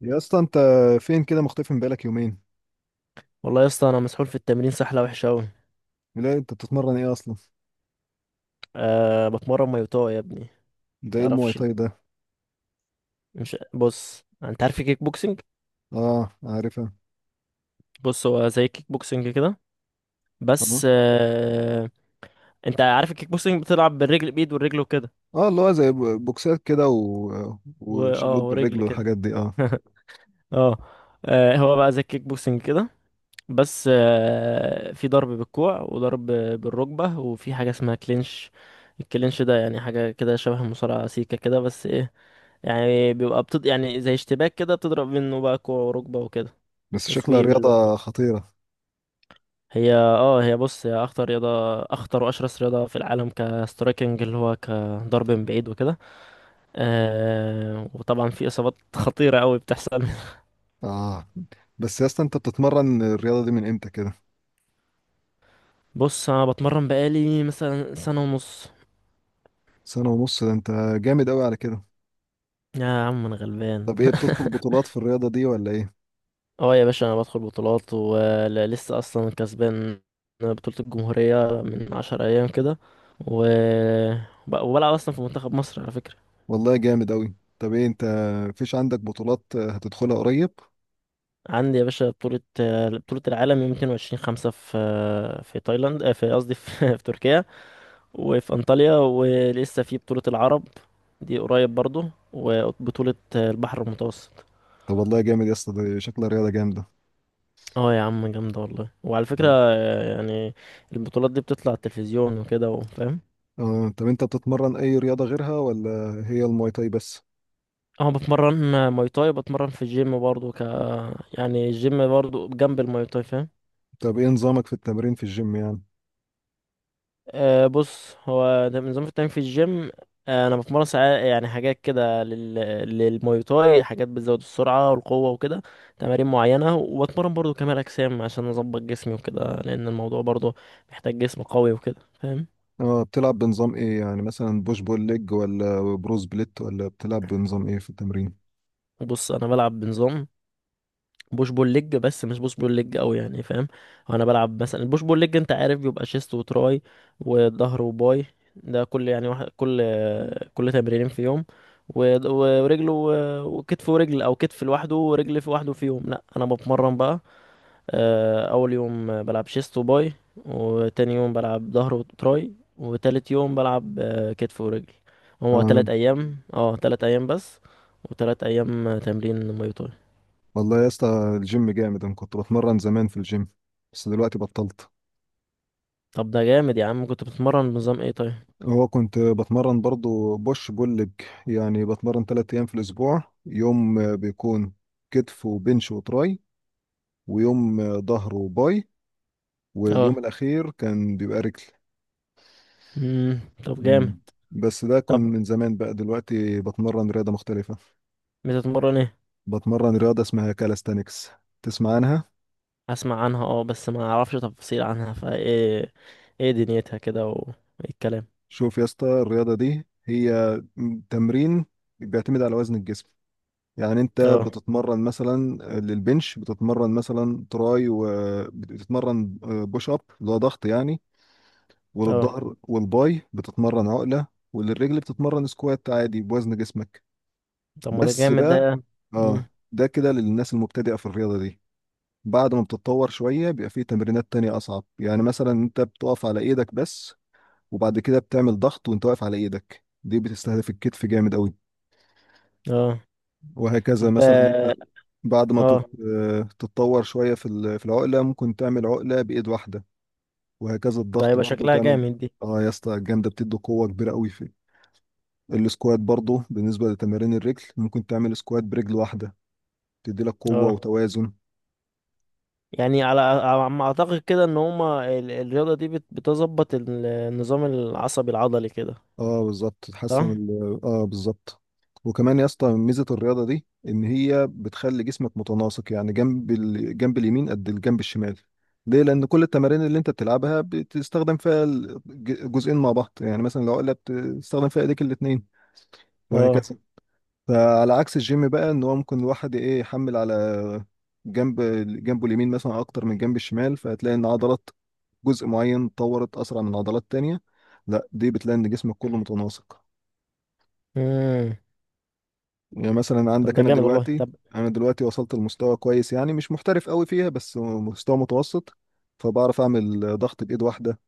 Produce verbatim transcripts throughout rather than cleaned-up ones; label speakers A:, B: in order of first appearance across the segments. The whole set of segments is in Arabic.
A: يا اسطى انت فين كده مختفي من بقالك يومين؟
B: والله يا اسطى، انا مسحول في التمرين سحله وحشه قوي.
A: لا انت بتتمرن ايه اصلا؟
B: أه بتمرن مايوتو يا ابني.
A: ده ايه المواي
B: تعرفش؟
A: تاي ده؟
B: مش بص، انت عارف الكيك بوكسنج؟
A: اه عارفها.
B: بص، هو زي الكيك بوكسنج كده،
A: اه
B: بس أه انت عارف الكيك بوكسنج بتلعب بالرجل، بايد والرجل وكده.
A: اه اللي هو زي ب- بوكسات كده و...
B: و... اه
A: وشلوت بالرجل
B: ورجل كده.
A: والحاجات دي اه.
B: اه. آه، هو بقى زي الكيك بوكسنج كده، بس آه، في ضرب بالكوع وضرب بالركبة، وفي حاجة اسمها كلينش. الكلينش ده يعني حاجة كده شبه المصارعة، سيكة كده بس ايه، يعني بيبقى بتض... يعني زي اشتباك كده، بتضرب منه بقى كوع وركبة وكده.
A: بس شكلها
B: وسويب اللي هو-
A: رياضة خطيرة.
B: هي اه هي بص، هي اخطر رياضة، اخطر واشرس رياضة في العالم كسترايكنج اللي هو كضرب من بعيد وكده. آه وطبعا في اصابات خطيرة قوي بتحصل.
A: اه بس يا اسطى انت بتتمرن الرياضة دي من امتى كده؟
B: بص، انا بتمرن بقالي مثلا سنة ونص.
A: سنة ونص ده انت جامد قوي على كده.
B: يا عم انا غلبان.
A: طب ايه، بتدخل بطولات في الرياضة دي ولا ايه؟
B: اه يا باشا، انا بدخل بطولات، ولسه اصلا كسبان بطولة الجمهورية من عشر ايام كده. و... وب- وبلعب اصلا في منتخب مصر على فكرة.
A: والله جامد قوي. طب ايه انت، مفيش عندك بطولات هتدخلها قريب؟
B: عندي يا باشا بطولة، بطولة العالم يوم اتنين وعشرين خمسة في في تايلاند، آه، في، قصدي في... في تركيا، وفي انطاليا. ولسه في بطولة العرب دي قريب برضو، وبطولة البحر المتوسط.
A: طب والله جامد يا اسطى، دي شكلها رياضة جامدة.
B: اه يا عم، جامدة والله. وعلى فكرة
A: آه.
B: آه، يعني البطولات دي بتطلع على التلفزيون وكده، وفاهم.
A: اه طب انت بتتمرن اي رياضة غيرها ولا هي الماي تاي بس؟
B: اه بتمرن ماي تاي، بتمرن في الجيم برضو ك يعني الجيم برضو جنب الماي تاي، فاهم.
A: طب ايه نظامك في التمرين في الجيم يعني؟
B: أه بص، هو ده نظام التمرين في الجيم. آه، انا بتمرن ساعات يعني حاجات كده لل... للماي تاي، حاجات بتزود السرعه والقوه وكده، تمارين معينه. وبتمرن برضو كمال اجسام عشان اظبط جسمي وكده، لان الموضوع برضو محتاج جسم قوي وكده، فاهم.
A: اه بتلعب بنظام ايه يعني، مثلا بوش بول ليج ولا بروز بليت ولا بتلعب بنظام ايه في التمرين؟
B: بص انا بلعب بنظام بوش بول ليج، بس مش بوش بول ليج قوي، يعني فاهم. وانا بلعب مثلا البوش بول ليج، انت عارف بيبقى شيست وتراي، وظهر وباي. ده كل يعني واحد، كل كل تمرينين في يوم. و- و- ورجل و- وكتف، ورجل او كتف لوحده ورجل في لوحده في يوم. لا انا بتمرن بقى آه، اول يوم بلعب شيست وباي، وتاني يوم بلعب ظهر وتراي، وتالت يوم بلعب آه، كتف ورجل. هو
A: اه
B: تلات ايام، اه تلات ايام بس. وتلات ايام تمرين ماي تاي.
A: والله يا اسطى الجيم جامد، انا كنت بتمرن زمان في الجيم بس دلوقتي بطلت.
B: طب ده جامد يا عم. كنت بتتمرن بنظام ايه طيب؟
A: هو كنت بتمرن برضو بوش بول ليج، يعني بتمرن تلات ايام في الاسبوع. يوم آه، بيكون كتف وبنش وتراي، ويوم آه، ظهر وباي، واليوم
B: اه.
A: الاخير كان بيبقى رجل.
B: امم طب جامد.
A: مم. بس ده كان
B: طب
A: من زمان، بقى دلوقتي بتمرن رياضة مختلفة.
B: بتتمرن ايه؟
A: بتمرن رياضة اسمها كالستانكس، تسمع عنها؟
B: اسمع عنها اه، بس ما اعرفش تفاصيل عنها، فايه ايه دنيتها كده، وايه الكلام؟
A: شوف يا اسطى الرياضة دي هي تمرين بيعتمد على وزن الجسم. يعني انت
B: اه.
A: بتتمرن مثلا للبنش، بتتمرن مثلا تراي وبتتمرن بوش اب اللي هو ضغط يعني،
B: اه
A: وللظهر والباي بتتمرن عقلة، وللرجل بتتمرن سكوات عادي بوزن جسمك.
B: طب ما ده
A: بس
B: جامد
A: بقى
B: ده. مم.
A: اه ده كده للناس المبتدئة في الرياضة دي. بعد ما بتتطور شوية بيبقى فيه تمرينات تانية أصعب. يعني مثلا أنت بتقف على إيدك بس، وبعد كده بتعمل ضغط وأنت واقف على إيدك. دي بتستهدف الكتف جامد أوي.
B: اه.
A: وهكذا،
B: طب
A: مثلا أنت
B: اه
A: بعد ما
B: آه،
A: تت- آه، تتطور شوية في ال- في العقلة ممكن تعمل عقلة بإيد واحدة، وهكذا
B: ده
A: الضغط
B: هيبقى
A: برضو
B: شكلها
A: تعمل.
B: جامد دي.
A: آه يا اسطى الجامدة، بتدي قوة كبيرة أوي في السكوات. برضو بالنسبة لتمارين الرجل ممكن تعمل سكوات برجل واحدة، تدي لك قوة
B: اه،
A: وتوازن.
B: يعني على على ما اعتقد كده ان هما ال- الرياضة دي بت- بتظبط ال- النظام العصبي العضلي كده.
A: اه بالظبط،
B: صح.
A: تحسن ال... اه بالظبط. وكمان يا اسطى ميزه الرياضه دي ان هي بتخلي جسمك متناسق، يعني جنب الجنب اليمين قد الجنب الشمال. ليه؟ لان كل التمارين اللي انت بتلعبها بتستخدم فيها الجزئين مع بعض، يعني مثلا لو قلت بتستخدم فيها ايديك الاثنين،
B: اه.
A: وهكذا. فعلى عكس الجيم بقى، ان هو ممكن الواحد ايه، يحمل على جنب جنبه اليمين مثلا اكتر من جنب الشمال، فهتلاقي ان عضلات جزء معين اتطورت اسرع من عضلات تانية. لا دي بتلاقي ان جسمك كله متناسق.
B: امم
A: يعني مثلا
B: طب
A: عندك
B: ده
A: انا
B: جامد والله.
A: دلوقتي
B: طب
A: انا دلوقتي وصلت لمستوى كويس، يعني مش محترف قوي فيها بس مستوى متوسط. فبعرف اعمل ضغط بايد واحده،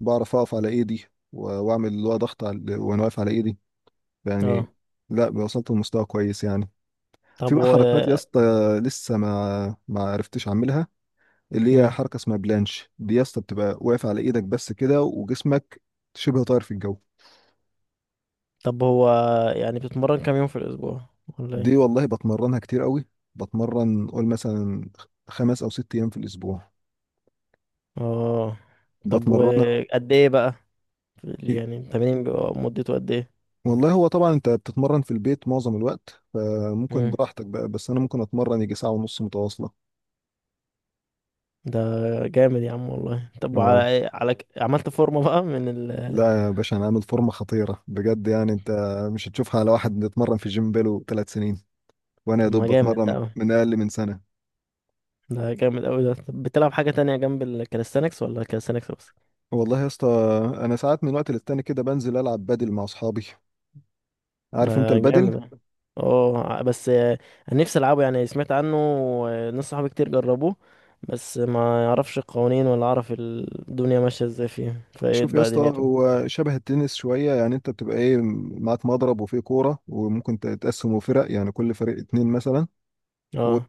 A: بعرف اقف على ايدي و- واعمل اللي هو ضغط على وانا واقف على ايدي،
B: اه.
A: يعني. لا وصلت لمستوى كويس يعني. في
B: طب
A: بقى
B: و،
A: حركات يا اسطى لسه ما ما عرفتش اعملها، اللي هي
B: مم.
A: حركه اسمها بلانش. دي يا اسطى بتبقى واقف على ايدك بس كده وجسمك شبه طاير في الجو.
B: طب هو يعني بتتمرن كام يوم في الأسبوع، ولا
A: دي
B: ايه؟
A: والله بتمرنها كتير قوي، بتمرن قول مثلا خمس او ست ايام في الاسبوع
B: اه طب
A: بتمرنها.
B: وقد ايه بقى؟ يعني التمرين بيبقى مدته قد ايه؟
A: والله هو طبعا انت بتتمرن في البيت معظم الوقت، فممكن
B: مم.
A: براحتك بقى، بس انا ممكن اتمرن يجي ساعة ونص متواصلة.
B: ده جامد يا عم والله. طب
A: اه
B: على على ك- عملت فورمة بقى من ال.
A: لا يا باشا انا عامل فورمة خطيرة بجد، يعني انت مش هتشوفها على واحد بيتمرن في جيم بقاله ثلاث سنين، وانا يا
B: طب ما
A: دوب
B: جامد
A: بتمرن
B: ده أوي،
A: من اقل من سنة.
B: ده جامد أوي ده. طب بتلعب حاجة تانية جنب الكاليستانكس، ولا كاليستانكس بس؟
A: والله يا اسطى، انا ساعات من وقت للتاني كده بنزل العب بادل مع اصحابي. عارف انت
B: ده
A: البادل؟
B: جامد ده. اه بس آه، انا نفسي العبه، يعني سمعت عنه آه، ناس صحابي كتير جربوه. بس ما يعرفش القوانين ولا عارف الدنيا ماشيه ازاي فيه، فايه
A: شوف يا
B: بقى
A: اسطى،
B: دنيته.
A: هو شبه التنس شويه، يعني انت بتبقى ايه، معاك مضرب وفيه كوره، وممكن تقسمه فرق يعني كل فريق اتنين مثلا.
B: اه.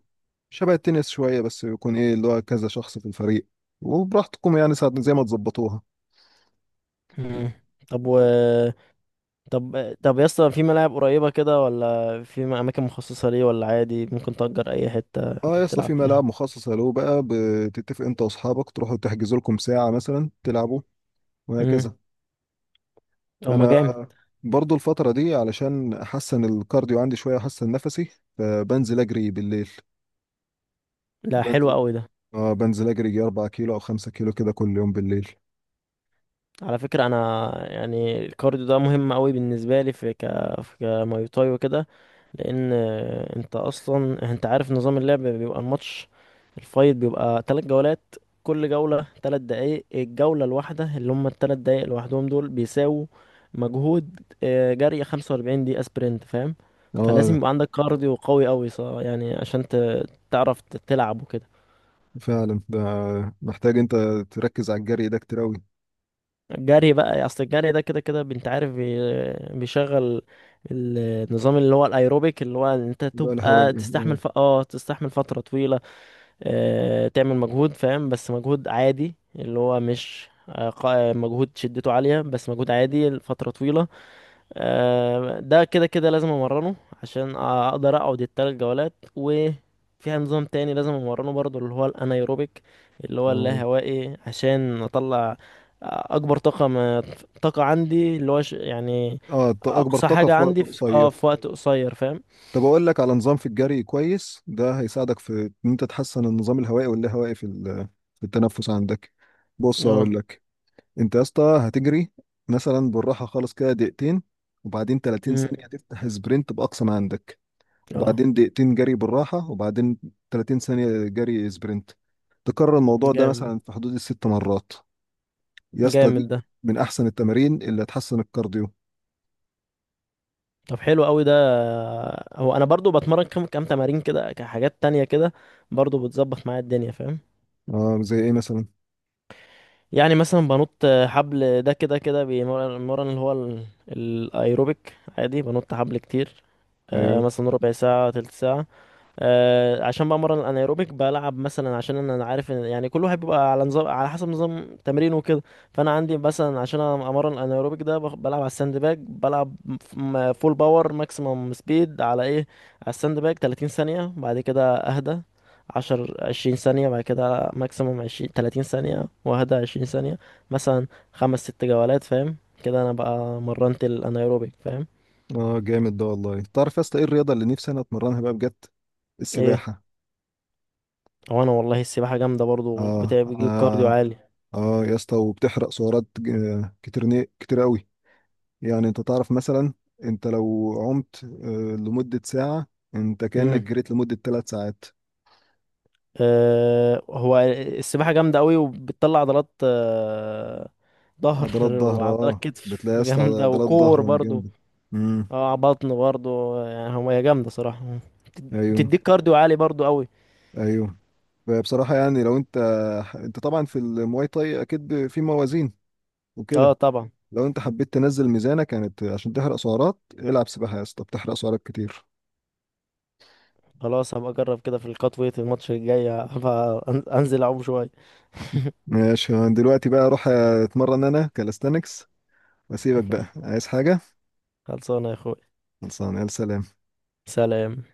A: شبه التنس شوية، بس يكون ايه اللي هو كذا شخص في الفريق، وبراحتكم يعني ساعة زي ما تظبطوها.
B: مم. طب و، طب طب يا اسطى، في ملاعب قريبه كده، ولا في م- اماكن مخصصه ليه، ولا عادي ممكن تأجر اي حته
A: اه يا اسطى
B: تلعب
A: في ملاعب
B: فيها؟
A: مخصصة له بقى، بتتفق انت واصحابك تروحوا تحجزوا لكم ساعة مثلا تلعبوا،
B: امم
A: وهكذا.
B: طب ما
A: انا
B: جامد.
A: برضو الفترة دي علشان احسن الكارديو عندي شوية، احسن نفسي، فبنزل اجري بالليل.
B: لا حلو
A: بنزل
B: قوي ده.
A: اه بنزل اجري يجي اربعة كيلو او خمسة كيلو كده كل يوم بالليل.
B: على فكره انا، يعني الكارديو ده مهم قوي بالنسبه لي في ك في كماي تاي وكده، لان آه، انت اصلا، انت عارف نظام اللعب بيبقى الماتش، الفايت بيبقى تلات جولات، كل جولة تلات دقايق. الجولة الواحدة، اللي هم التلات دقايق لوحدهم، دول بيساووا مجهود آه، جري خمسة وأربعين دقيقة سبرنت، فاهم. فلازم
A: اه
B: يبقى عندك كارديو قوي قوي ص- يعني عشان ت- تعرف ت- تلعب وكده.
A: فعلا ده، محتاج انت تركز على الجري ده كتير اوي.
B: الجري بقى، اصل الجري ده كده كده، انت عارف بي- بيشغل النظام اللي هو الايروبيك، اللي هو انت
A: ده
B: تبقى
A: الهوائي.
B: تستحمل ف... اه تستحمل فترة طويلة. آه، تعمل مجهود، فاهم، بس مجهود عادي، اللي هو مش آه، قا- آه، مجهود شدته عالية، بس مجهود عادي لفترة طويلة. آه، ده كده كده لازم امرنه، عشان اقدر اقعد التلات جولات. وفيها نظام تاني لازم امرنه برضو، اللي هو الانايروبيك، اللي هو
A: اه
B: اللاهوائي، عشان اطلع آه، اكبر طاقة، ما طاقة عندي، اللي هو ش- يعني
A: اه ط- اكبر
B: اقصى
A: طاقه
B: حاجة
A: في وقت
B: عندي في اه
A: قصير.
B: في وقت قصير، فاهم.
A: طب اقول لك على نظام في الجري كويس، ده هيساعدك في ان انت تحسن النظام الهوائي واللاهوائي في ال- في التنفس عندك. بص
B: اه.
A: اقول لك، انت يا اسطى هتجري مثلا بالراحه خالص كده دقيقتين، وبعدين
B: مم.
A: تلاتين ثانية ثانيه تفتح سبرنت باقصى ما عندك،
B: اه
A: وبعدين دقيقتين جري بالراحه، وبعدين تلاتين ثانية ثانيه جري سبرنت. تكرر الموضوع ده
B: جامد،
A: مثلا في حدود الست مرات يا اسطى.
B: جامد
A: دي
B: ده.
A: من احسن التمارين اللي هتحسن الكارديو.
B: طب حلو قوي ده. هو انا برضو بتمرن كم كم تمارين كده، كحاجات تانية كده، برضو بتظبط معايا الدنيا، فاهم.
A: اه زي ايه مثلا؟
B: يعني مثلا بنط حبل، ده كده كده بيمرن المرن اللي هو ال- الايروبيك عادي. بنط حبل كتير، آه،
A: ايوه
B: مثلا ربع ساعة، تلت ساعة. آه، عشان بمرن الانايروبيك، بلعب مثلا، عشان انا أنا عارف ان يعني كل واحد بيبقى على نظام على حسب نظام تمرينه وكده. فانا عندي مثلا عشان أنا امرن الانايروبيك ده، بخ- بلعب على الساند باج، بلعب ف- م- فول باور ماكسيمم سبيد على ايه، على الساند باج تلاتين ثانية، بعد كده اهدى عشرة، عشرين ثانية، بعد كده ماكسيمم عشرين، ثلاثين ثانية، واهدى عشرين ثانية مثلا. خمس ست جولات، فاهم. كده انا بقى مرنت الانايروبيك، فاهم.
A: اه جامد ده والله. تعرف يا اسطى ايه الرياضه اللي نفسي انا اتمرنها بقى بجد؟
B: ايه؟
A: السباحه.
B: وانا والله السباحة جامدة برضو،
A: اه
B: بتاع-
A: انا
B: بتجيب كارديو عالي.
A: اه يا اسطى، وبتحرق سعرات ج- آه، كتير ن- كتير قوي. يعني انت تعرف مثلا، انت لو عمت آه، لمده ساعه، انت كانك
B: مم.
A: جريت لمده ثلاث ساعات.
B: آه، هو السباحة جامدة قوي، وبتطلع عضلات آه، ظهر،
A: عضلات ظهر،
B: وعضلات
A: اه
B: كتف
A: بتلاقي يا اسطى
B: جامدة،
A: عضلات
B: وكور
A: ظهرهم
B: برضو.
A: جامده. امم.
B: اه بطن برضو، يعني هو هي جامدة صراحة،
A: ايوه.
B: بتديك كارديو عالي برضو قوي.
A: ايوه فبصراحه يعني لو انت، انت طبعا في المواي تاي اكيد في موازين وكده،
B: اه طبعا.
A: لو انت حبيت تنزل ميزانك يعني ت- عشان تحرق سعرات العب سباحة يا اسطى، بتحرق سعرات كتير.
B: خلاص هبقى اجرب كده، في الكات ويت الماتش الجاي هبقى أن- انزل اعوم شوية.
A: ماشي، أنا دلوقتي بقى اروح اتمرن انا كالستانكس، واسيبك بقى. عايز حاجة؟
B: خلصانة يا اخوي.
A: خلصان، يلا سلام.
B: سلام.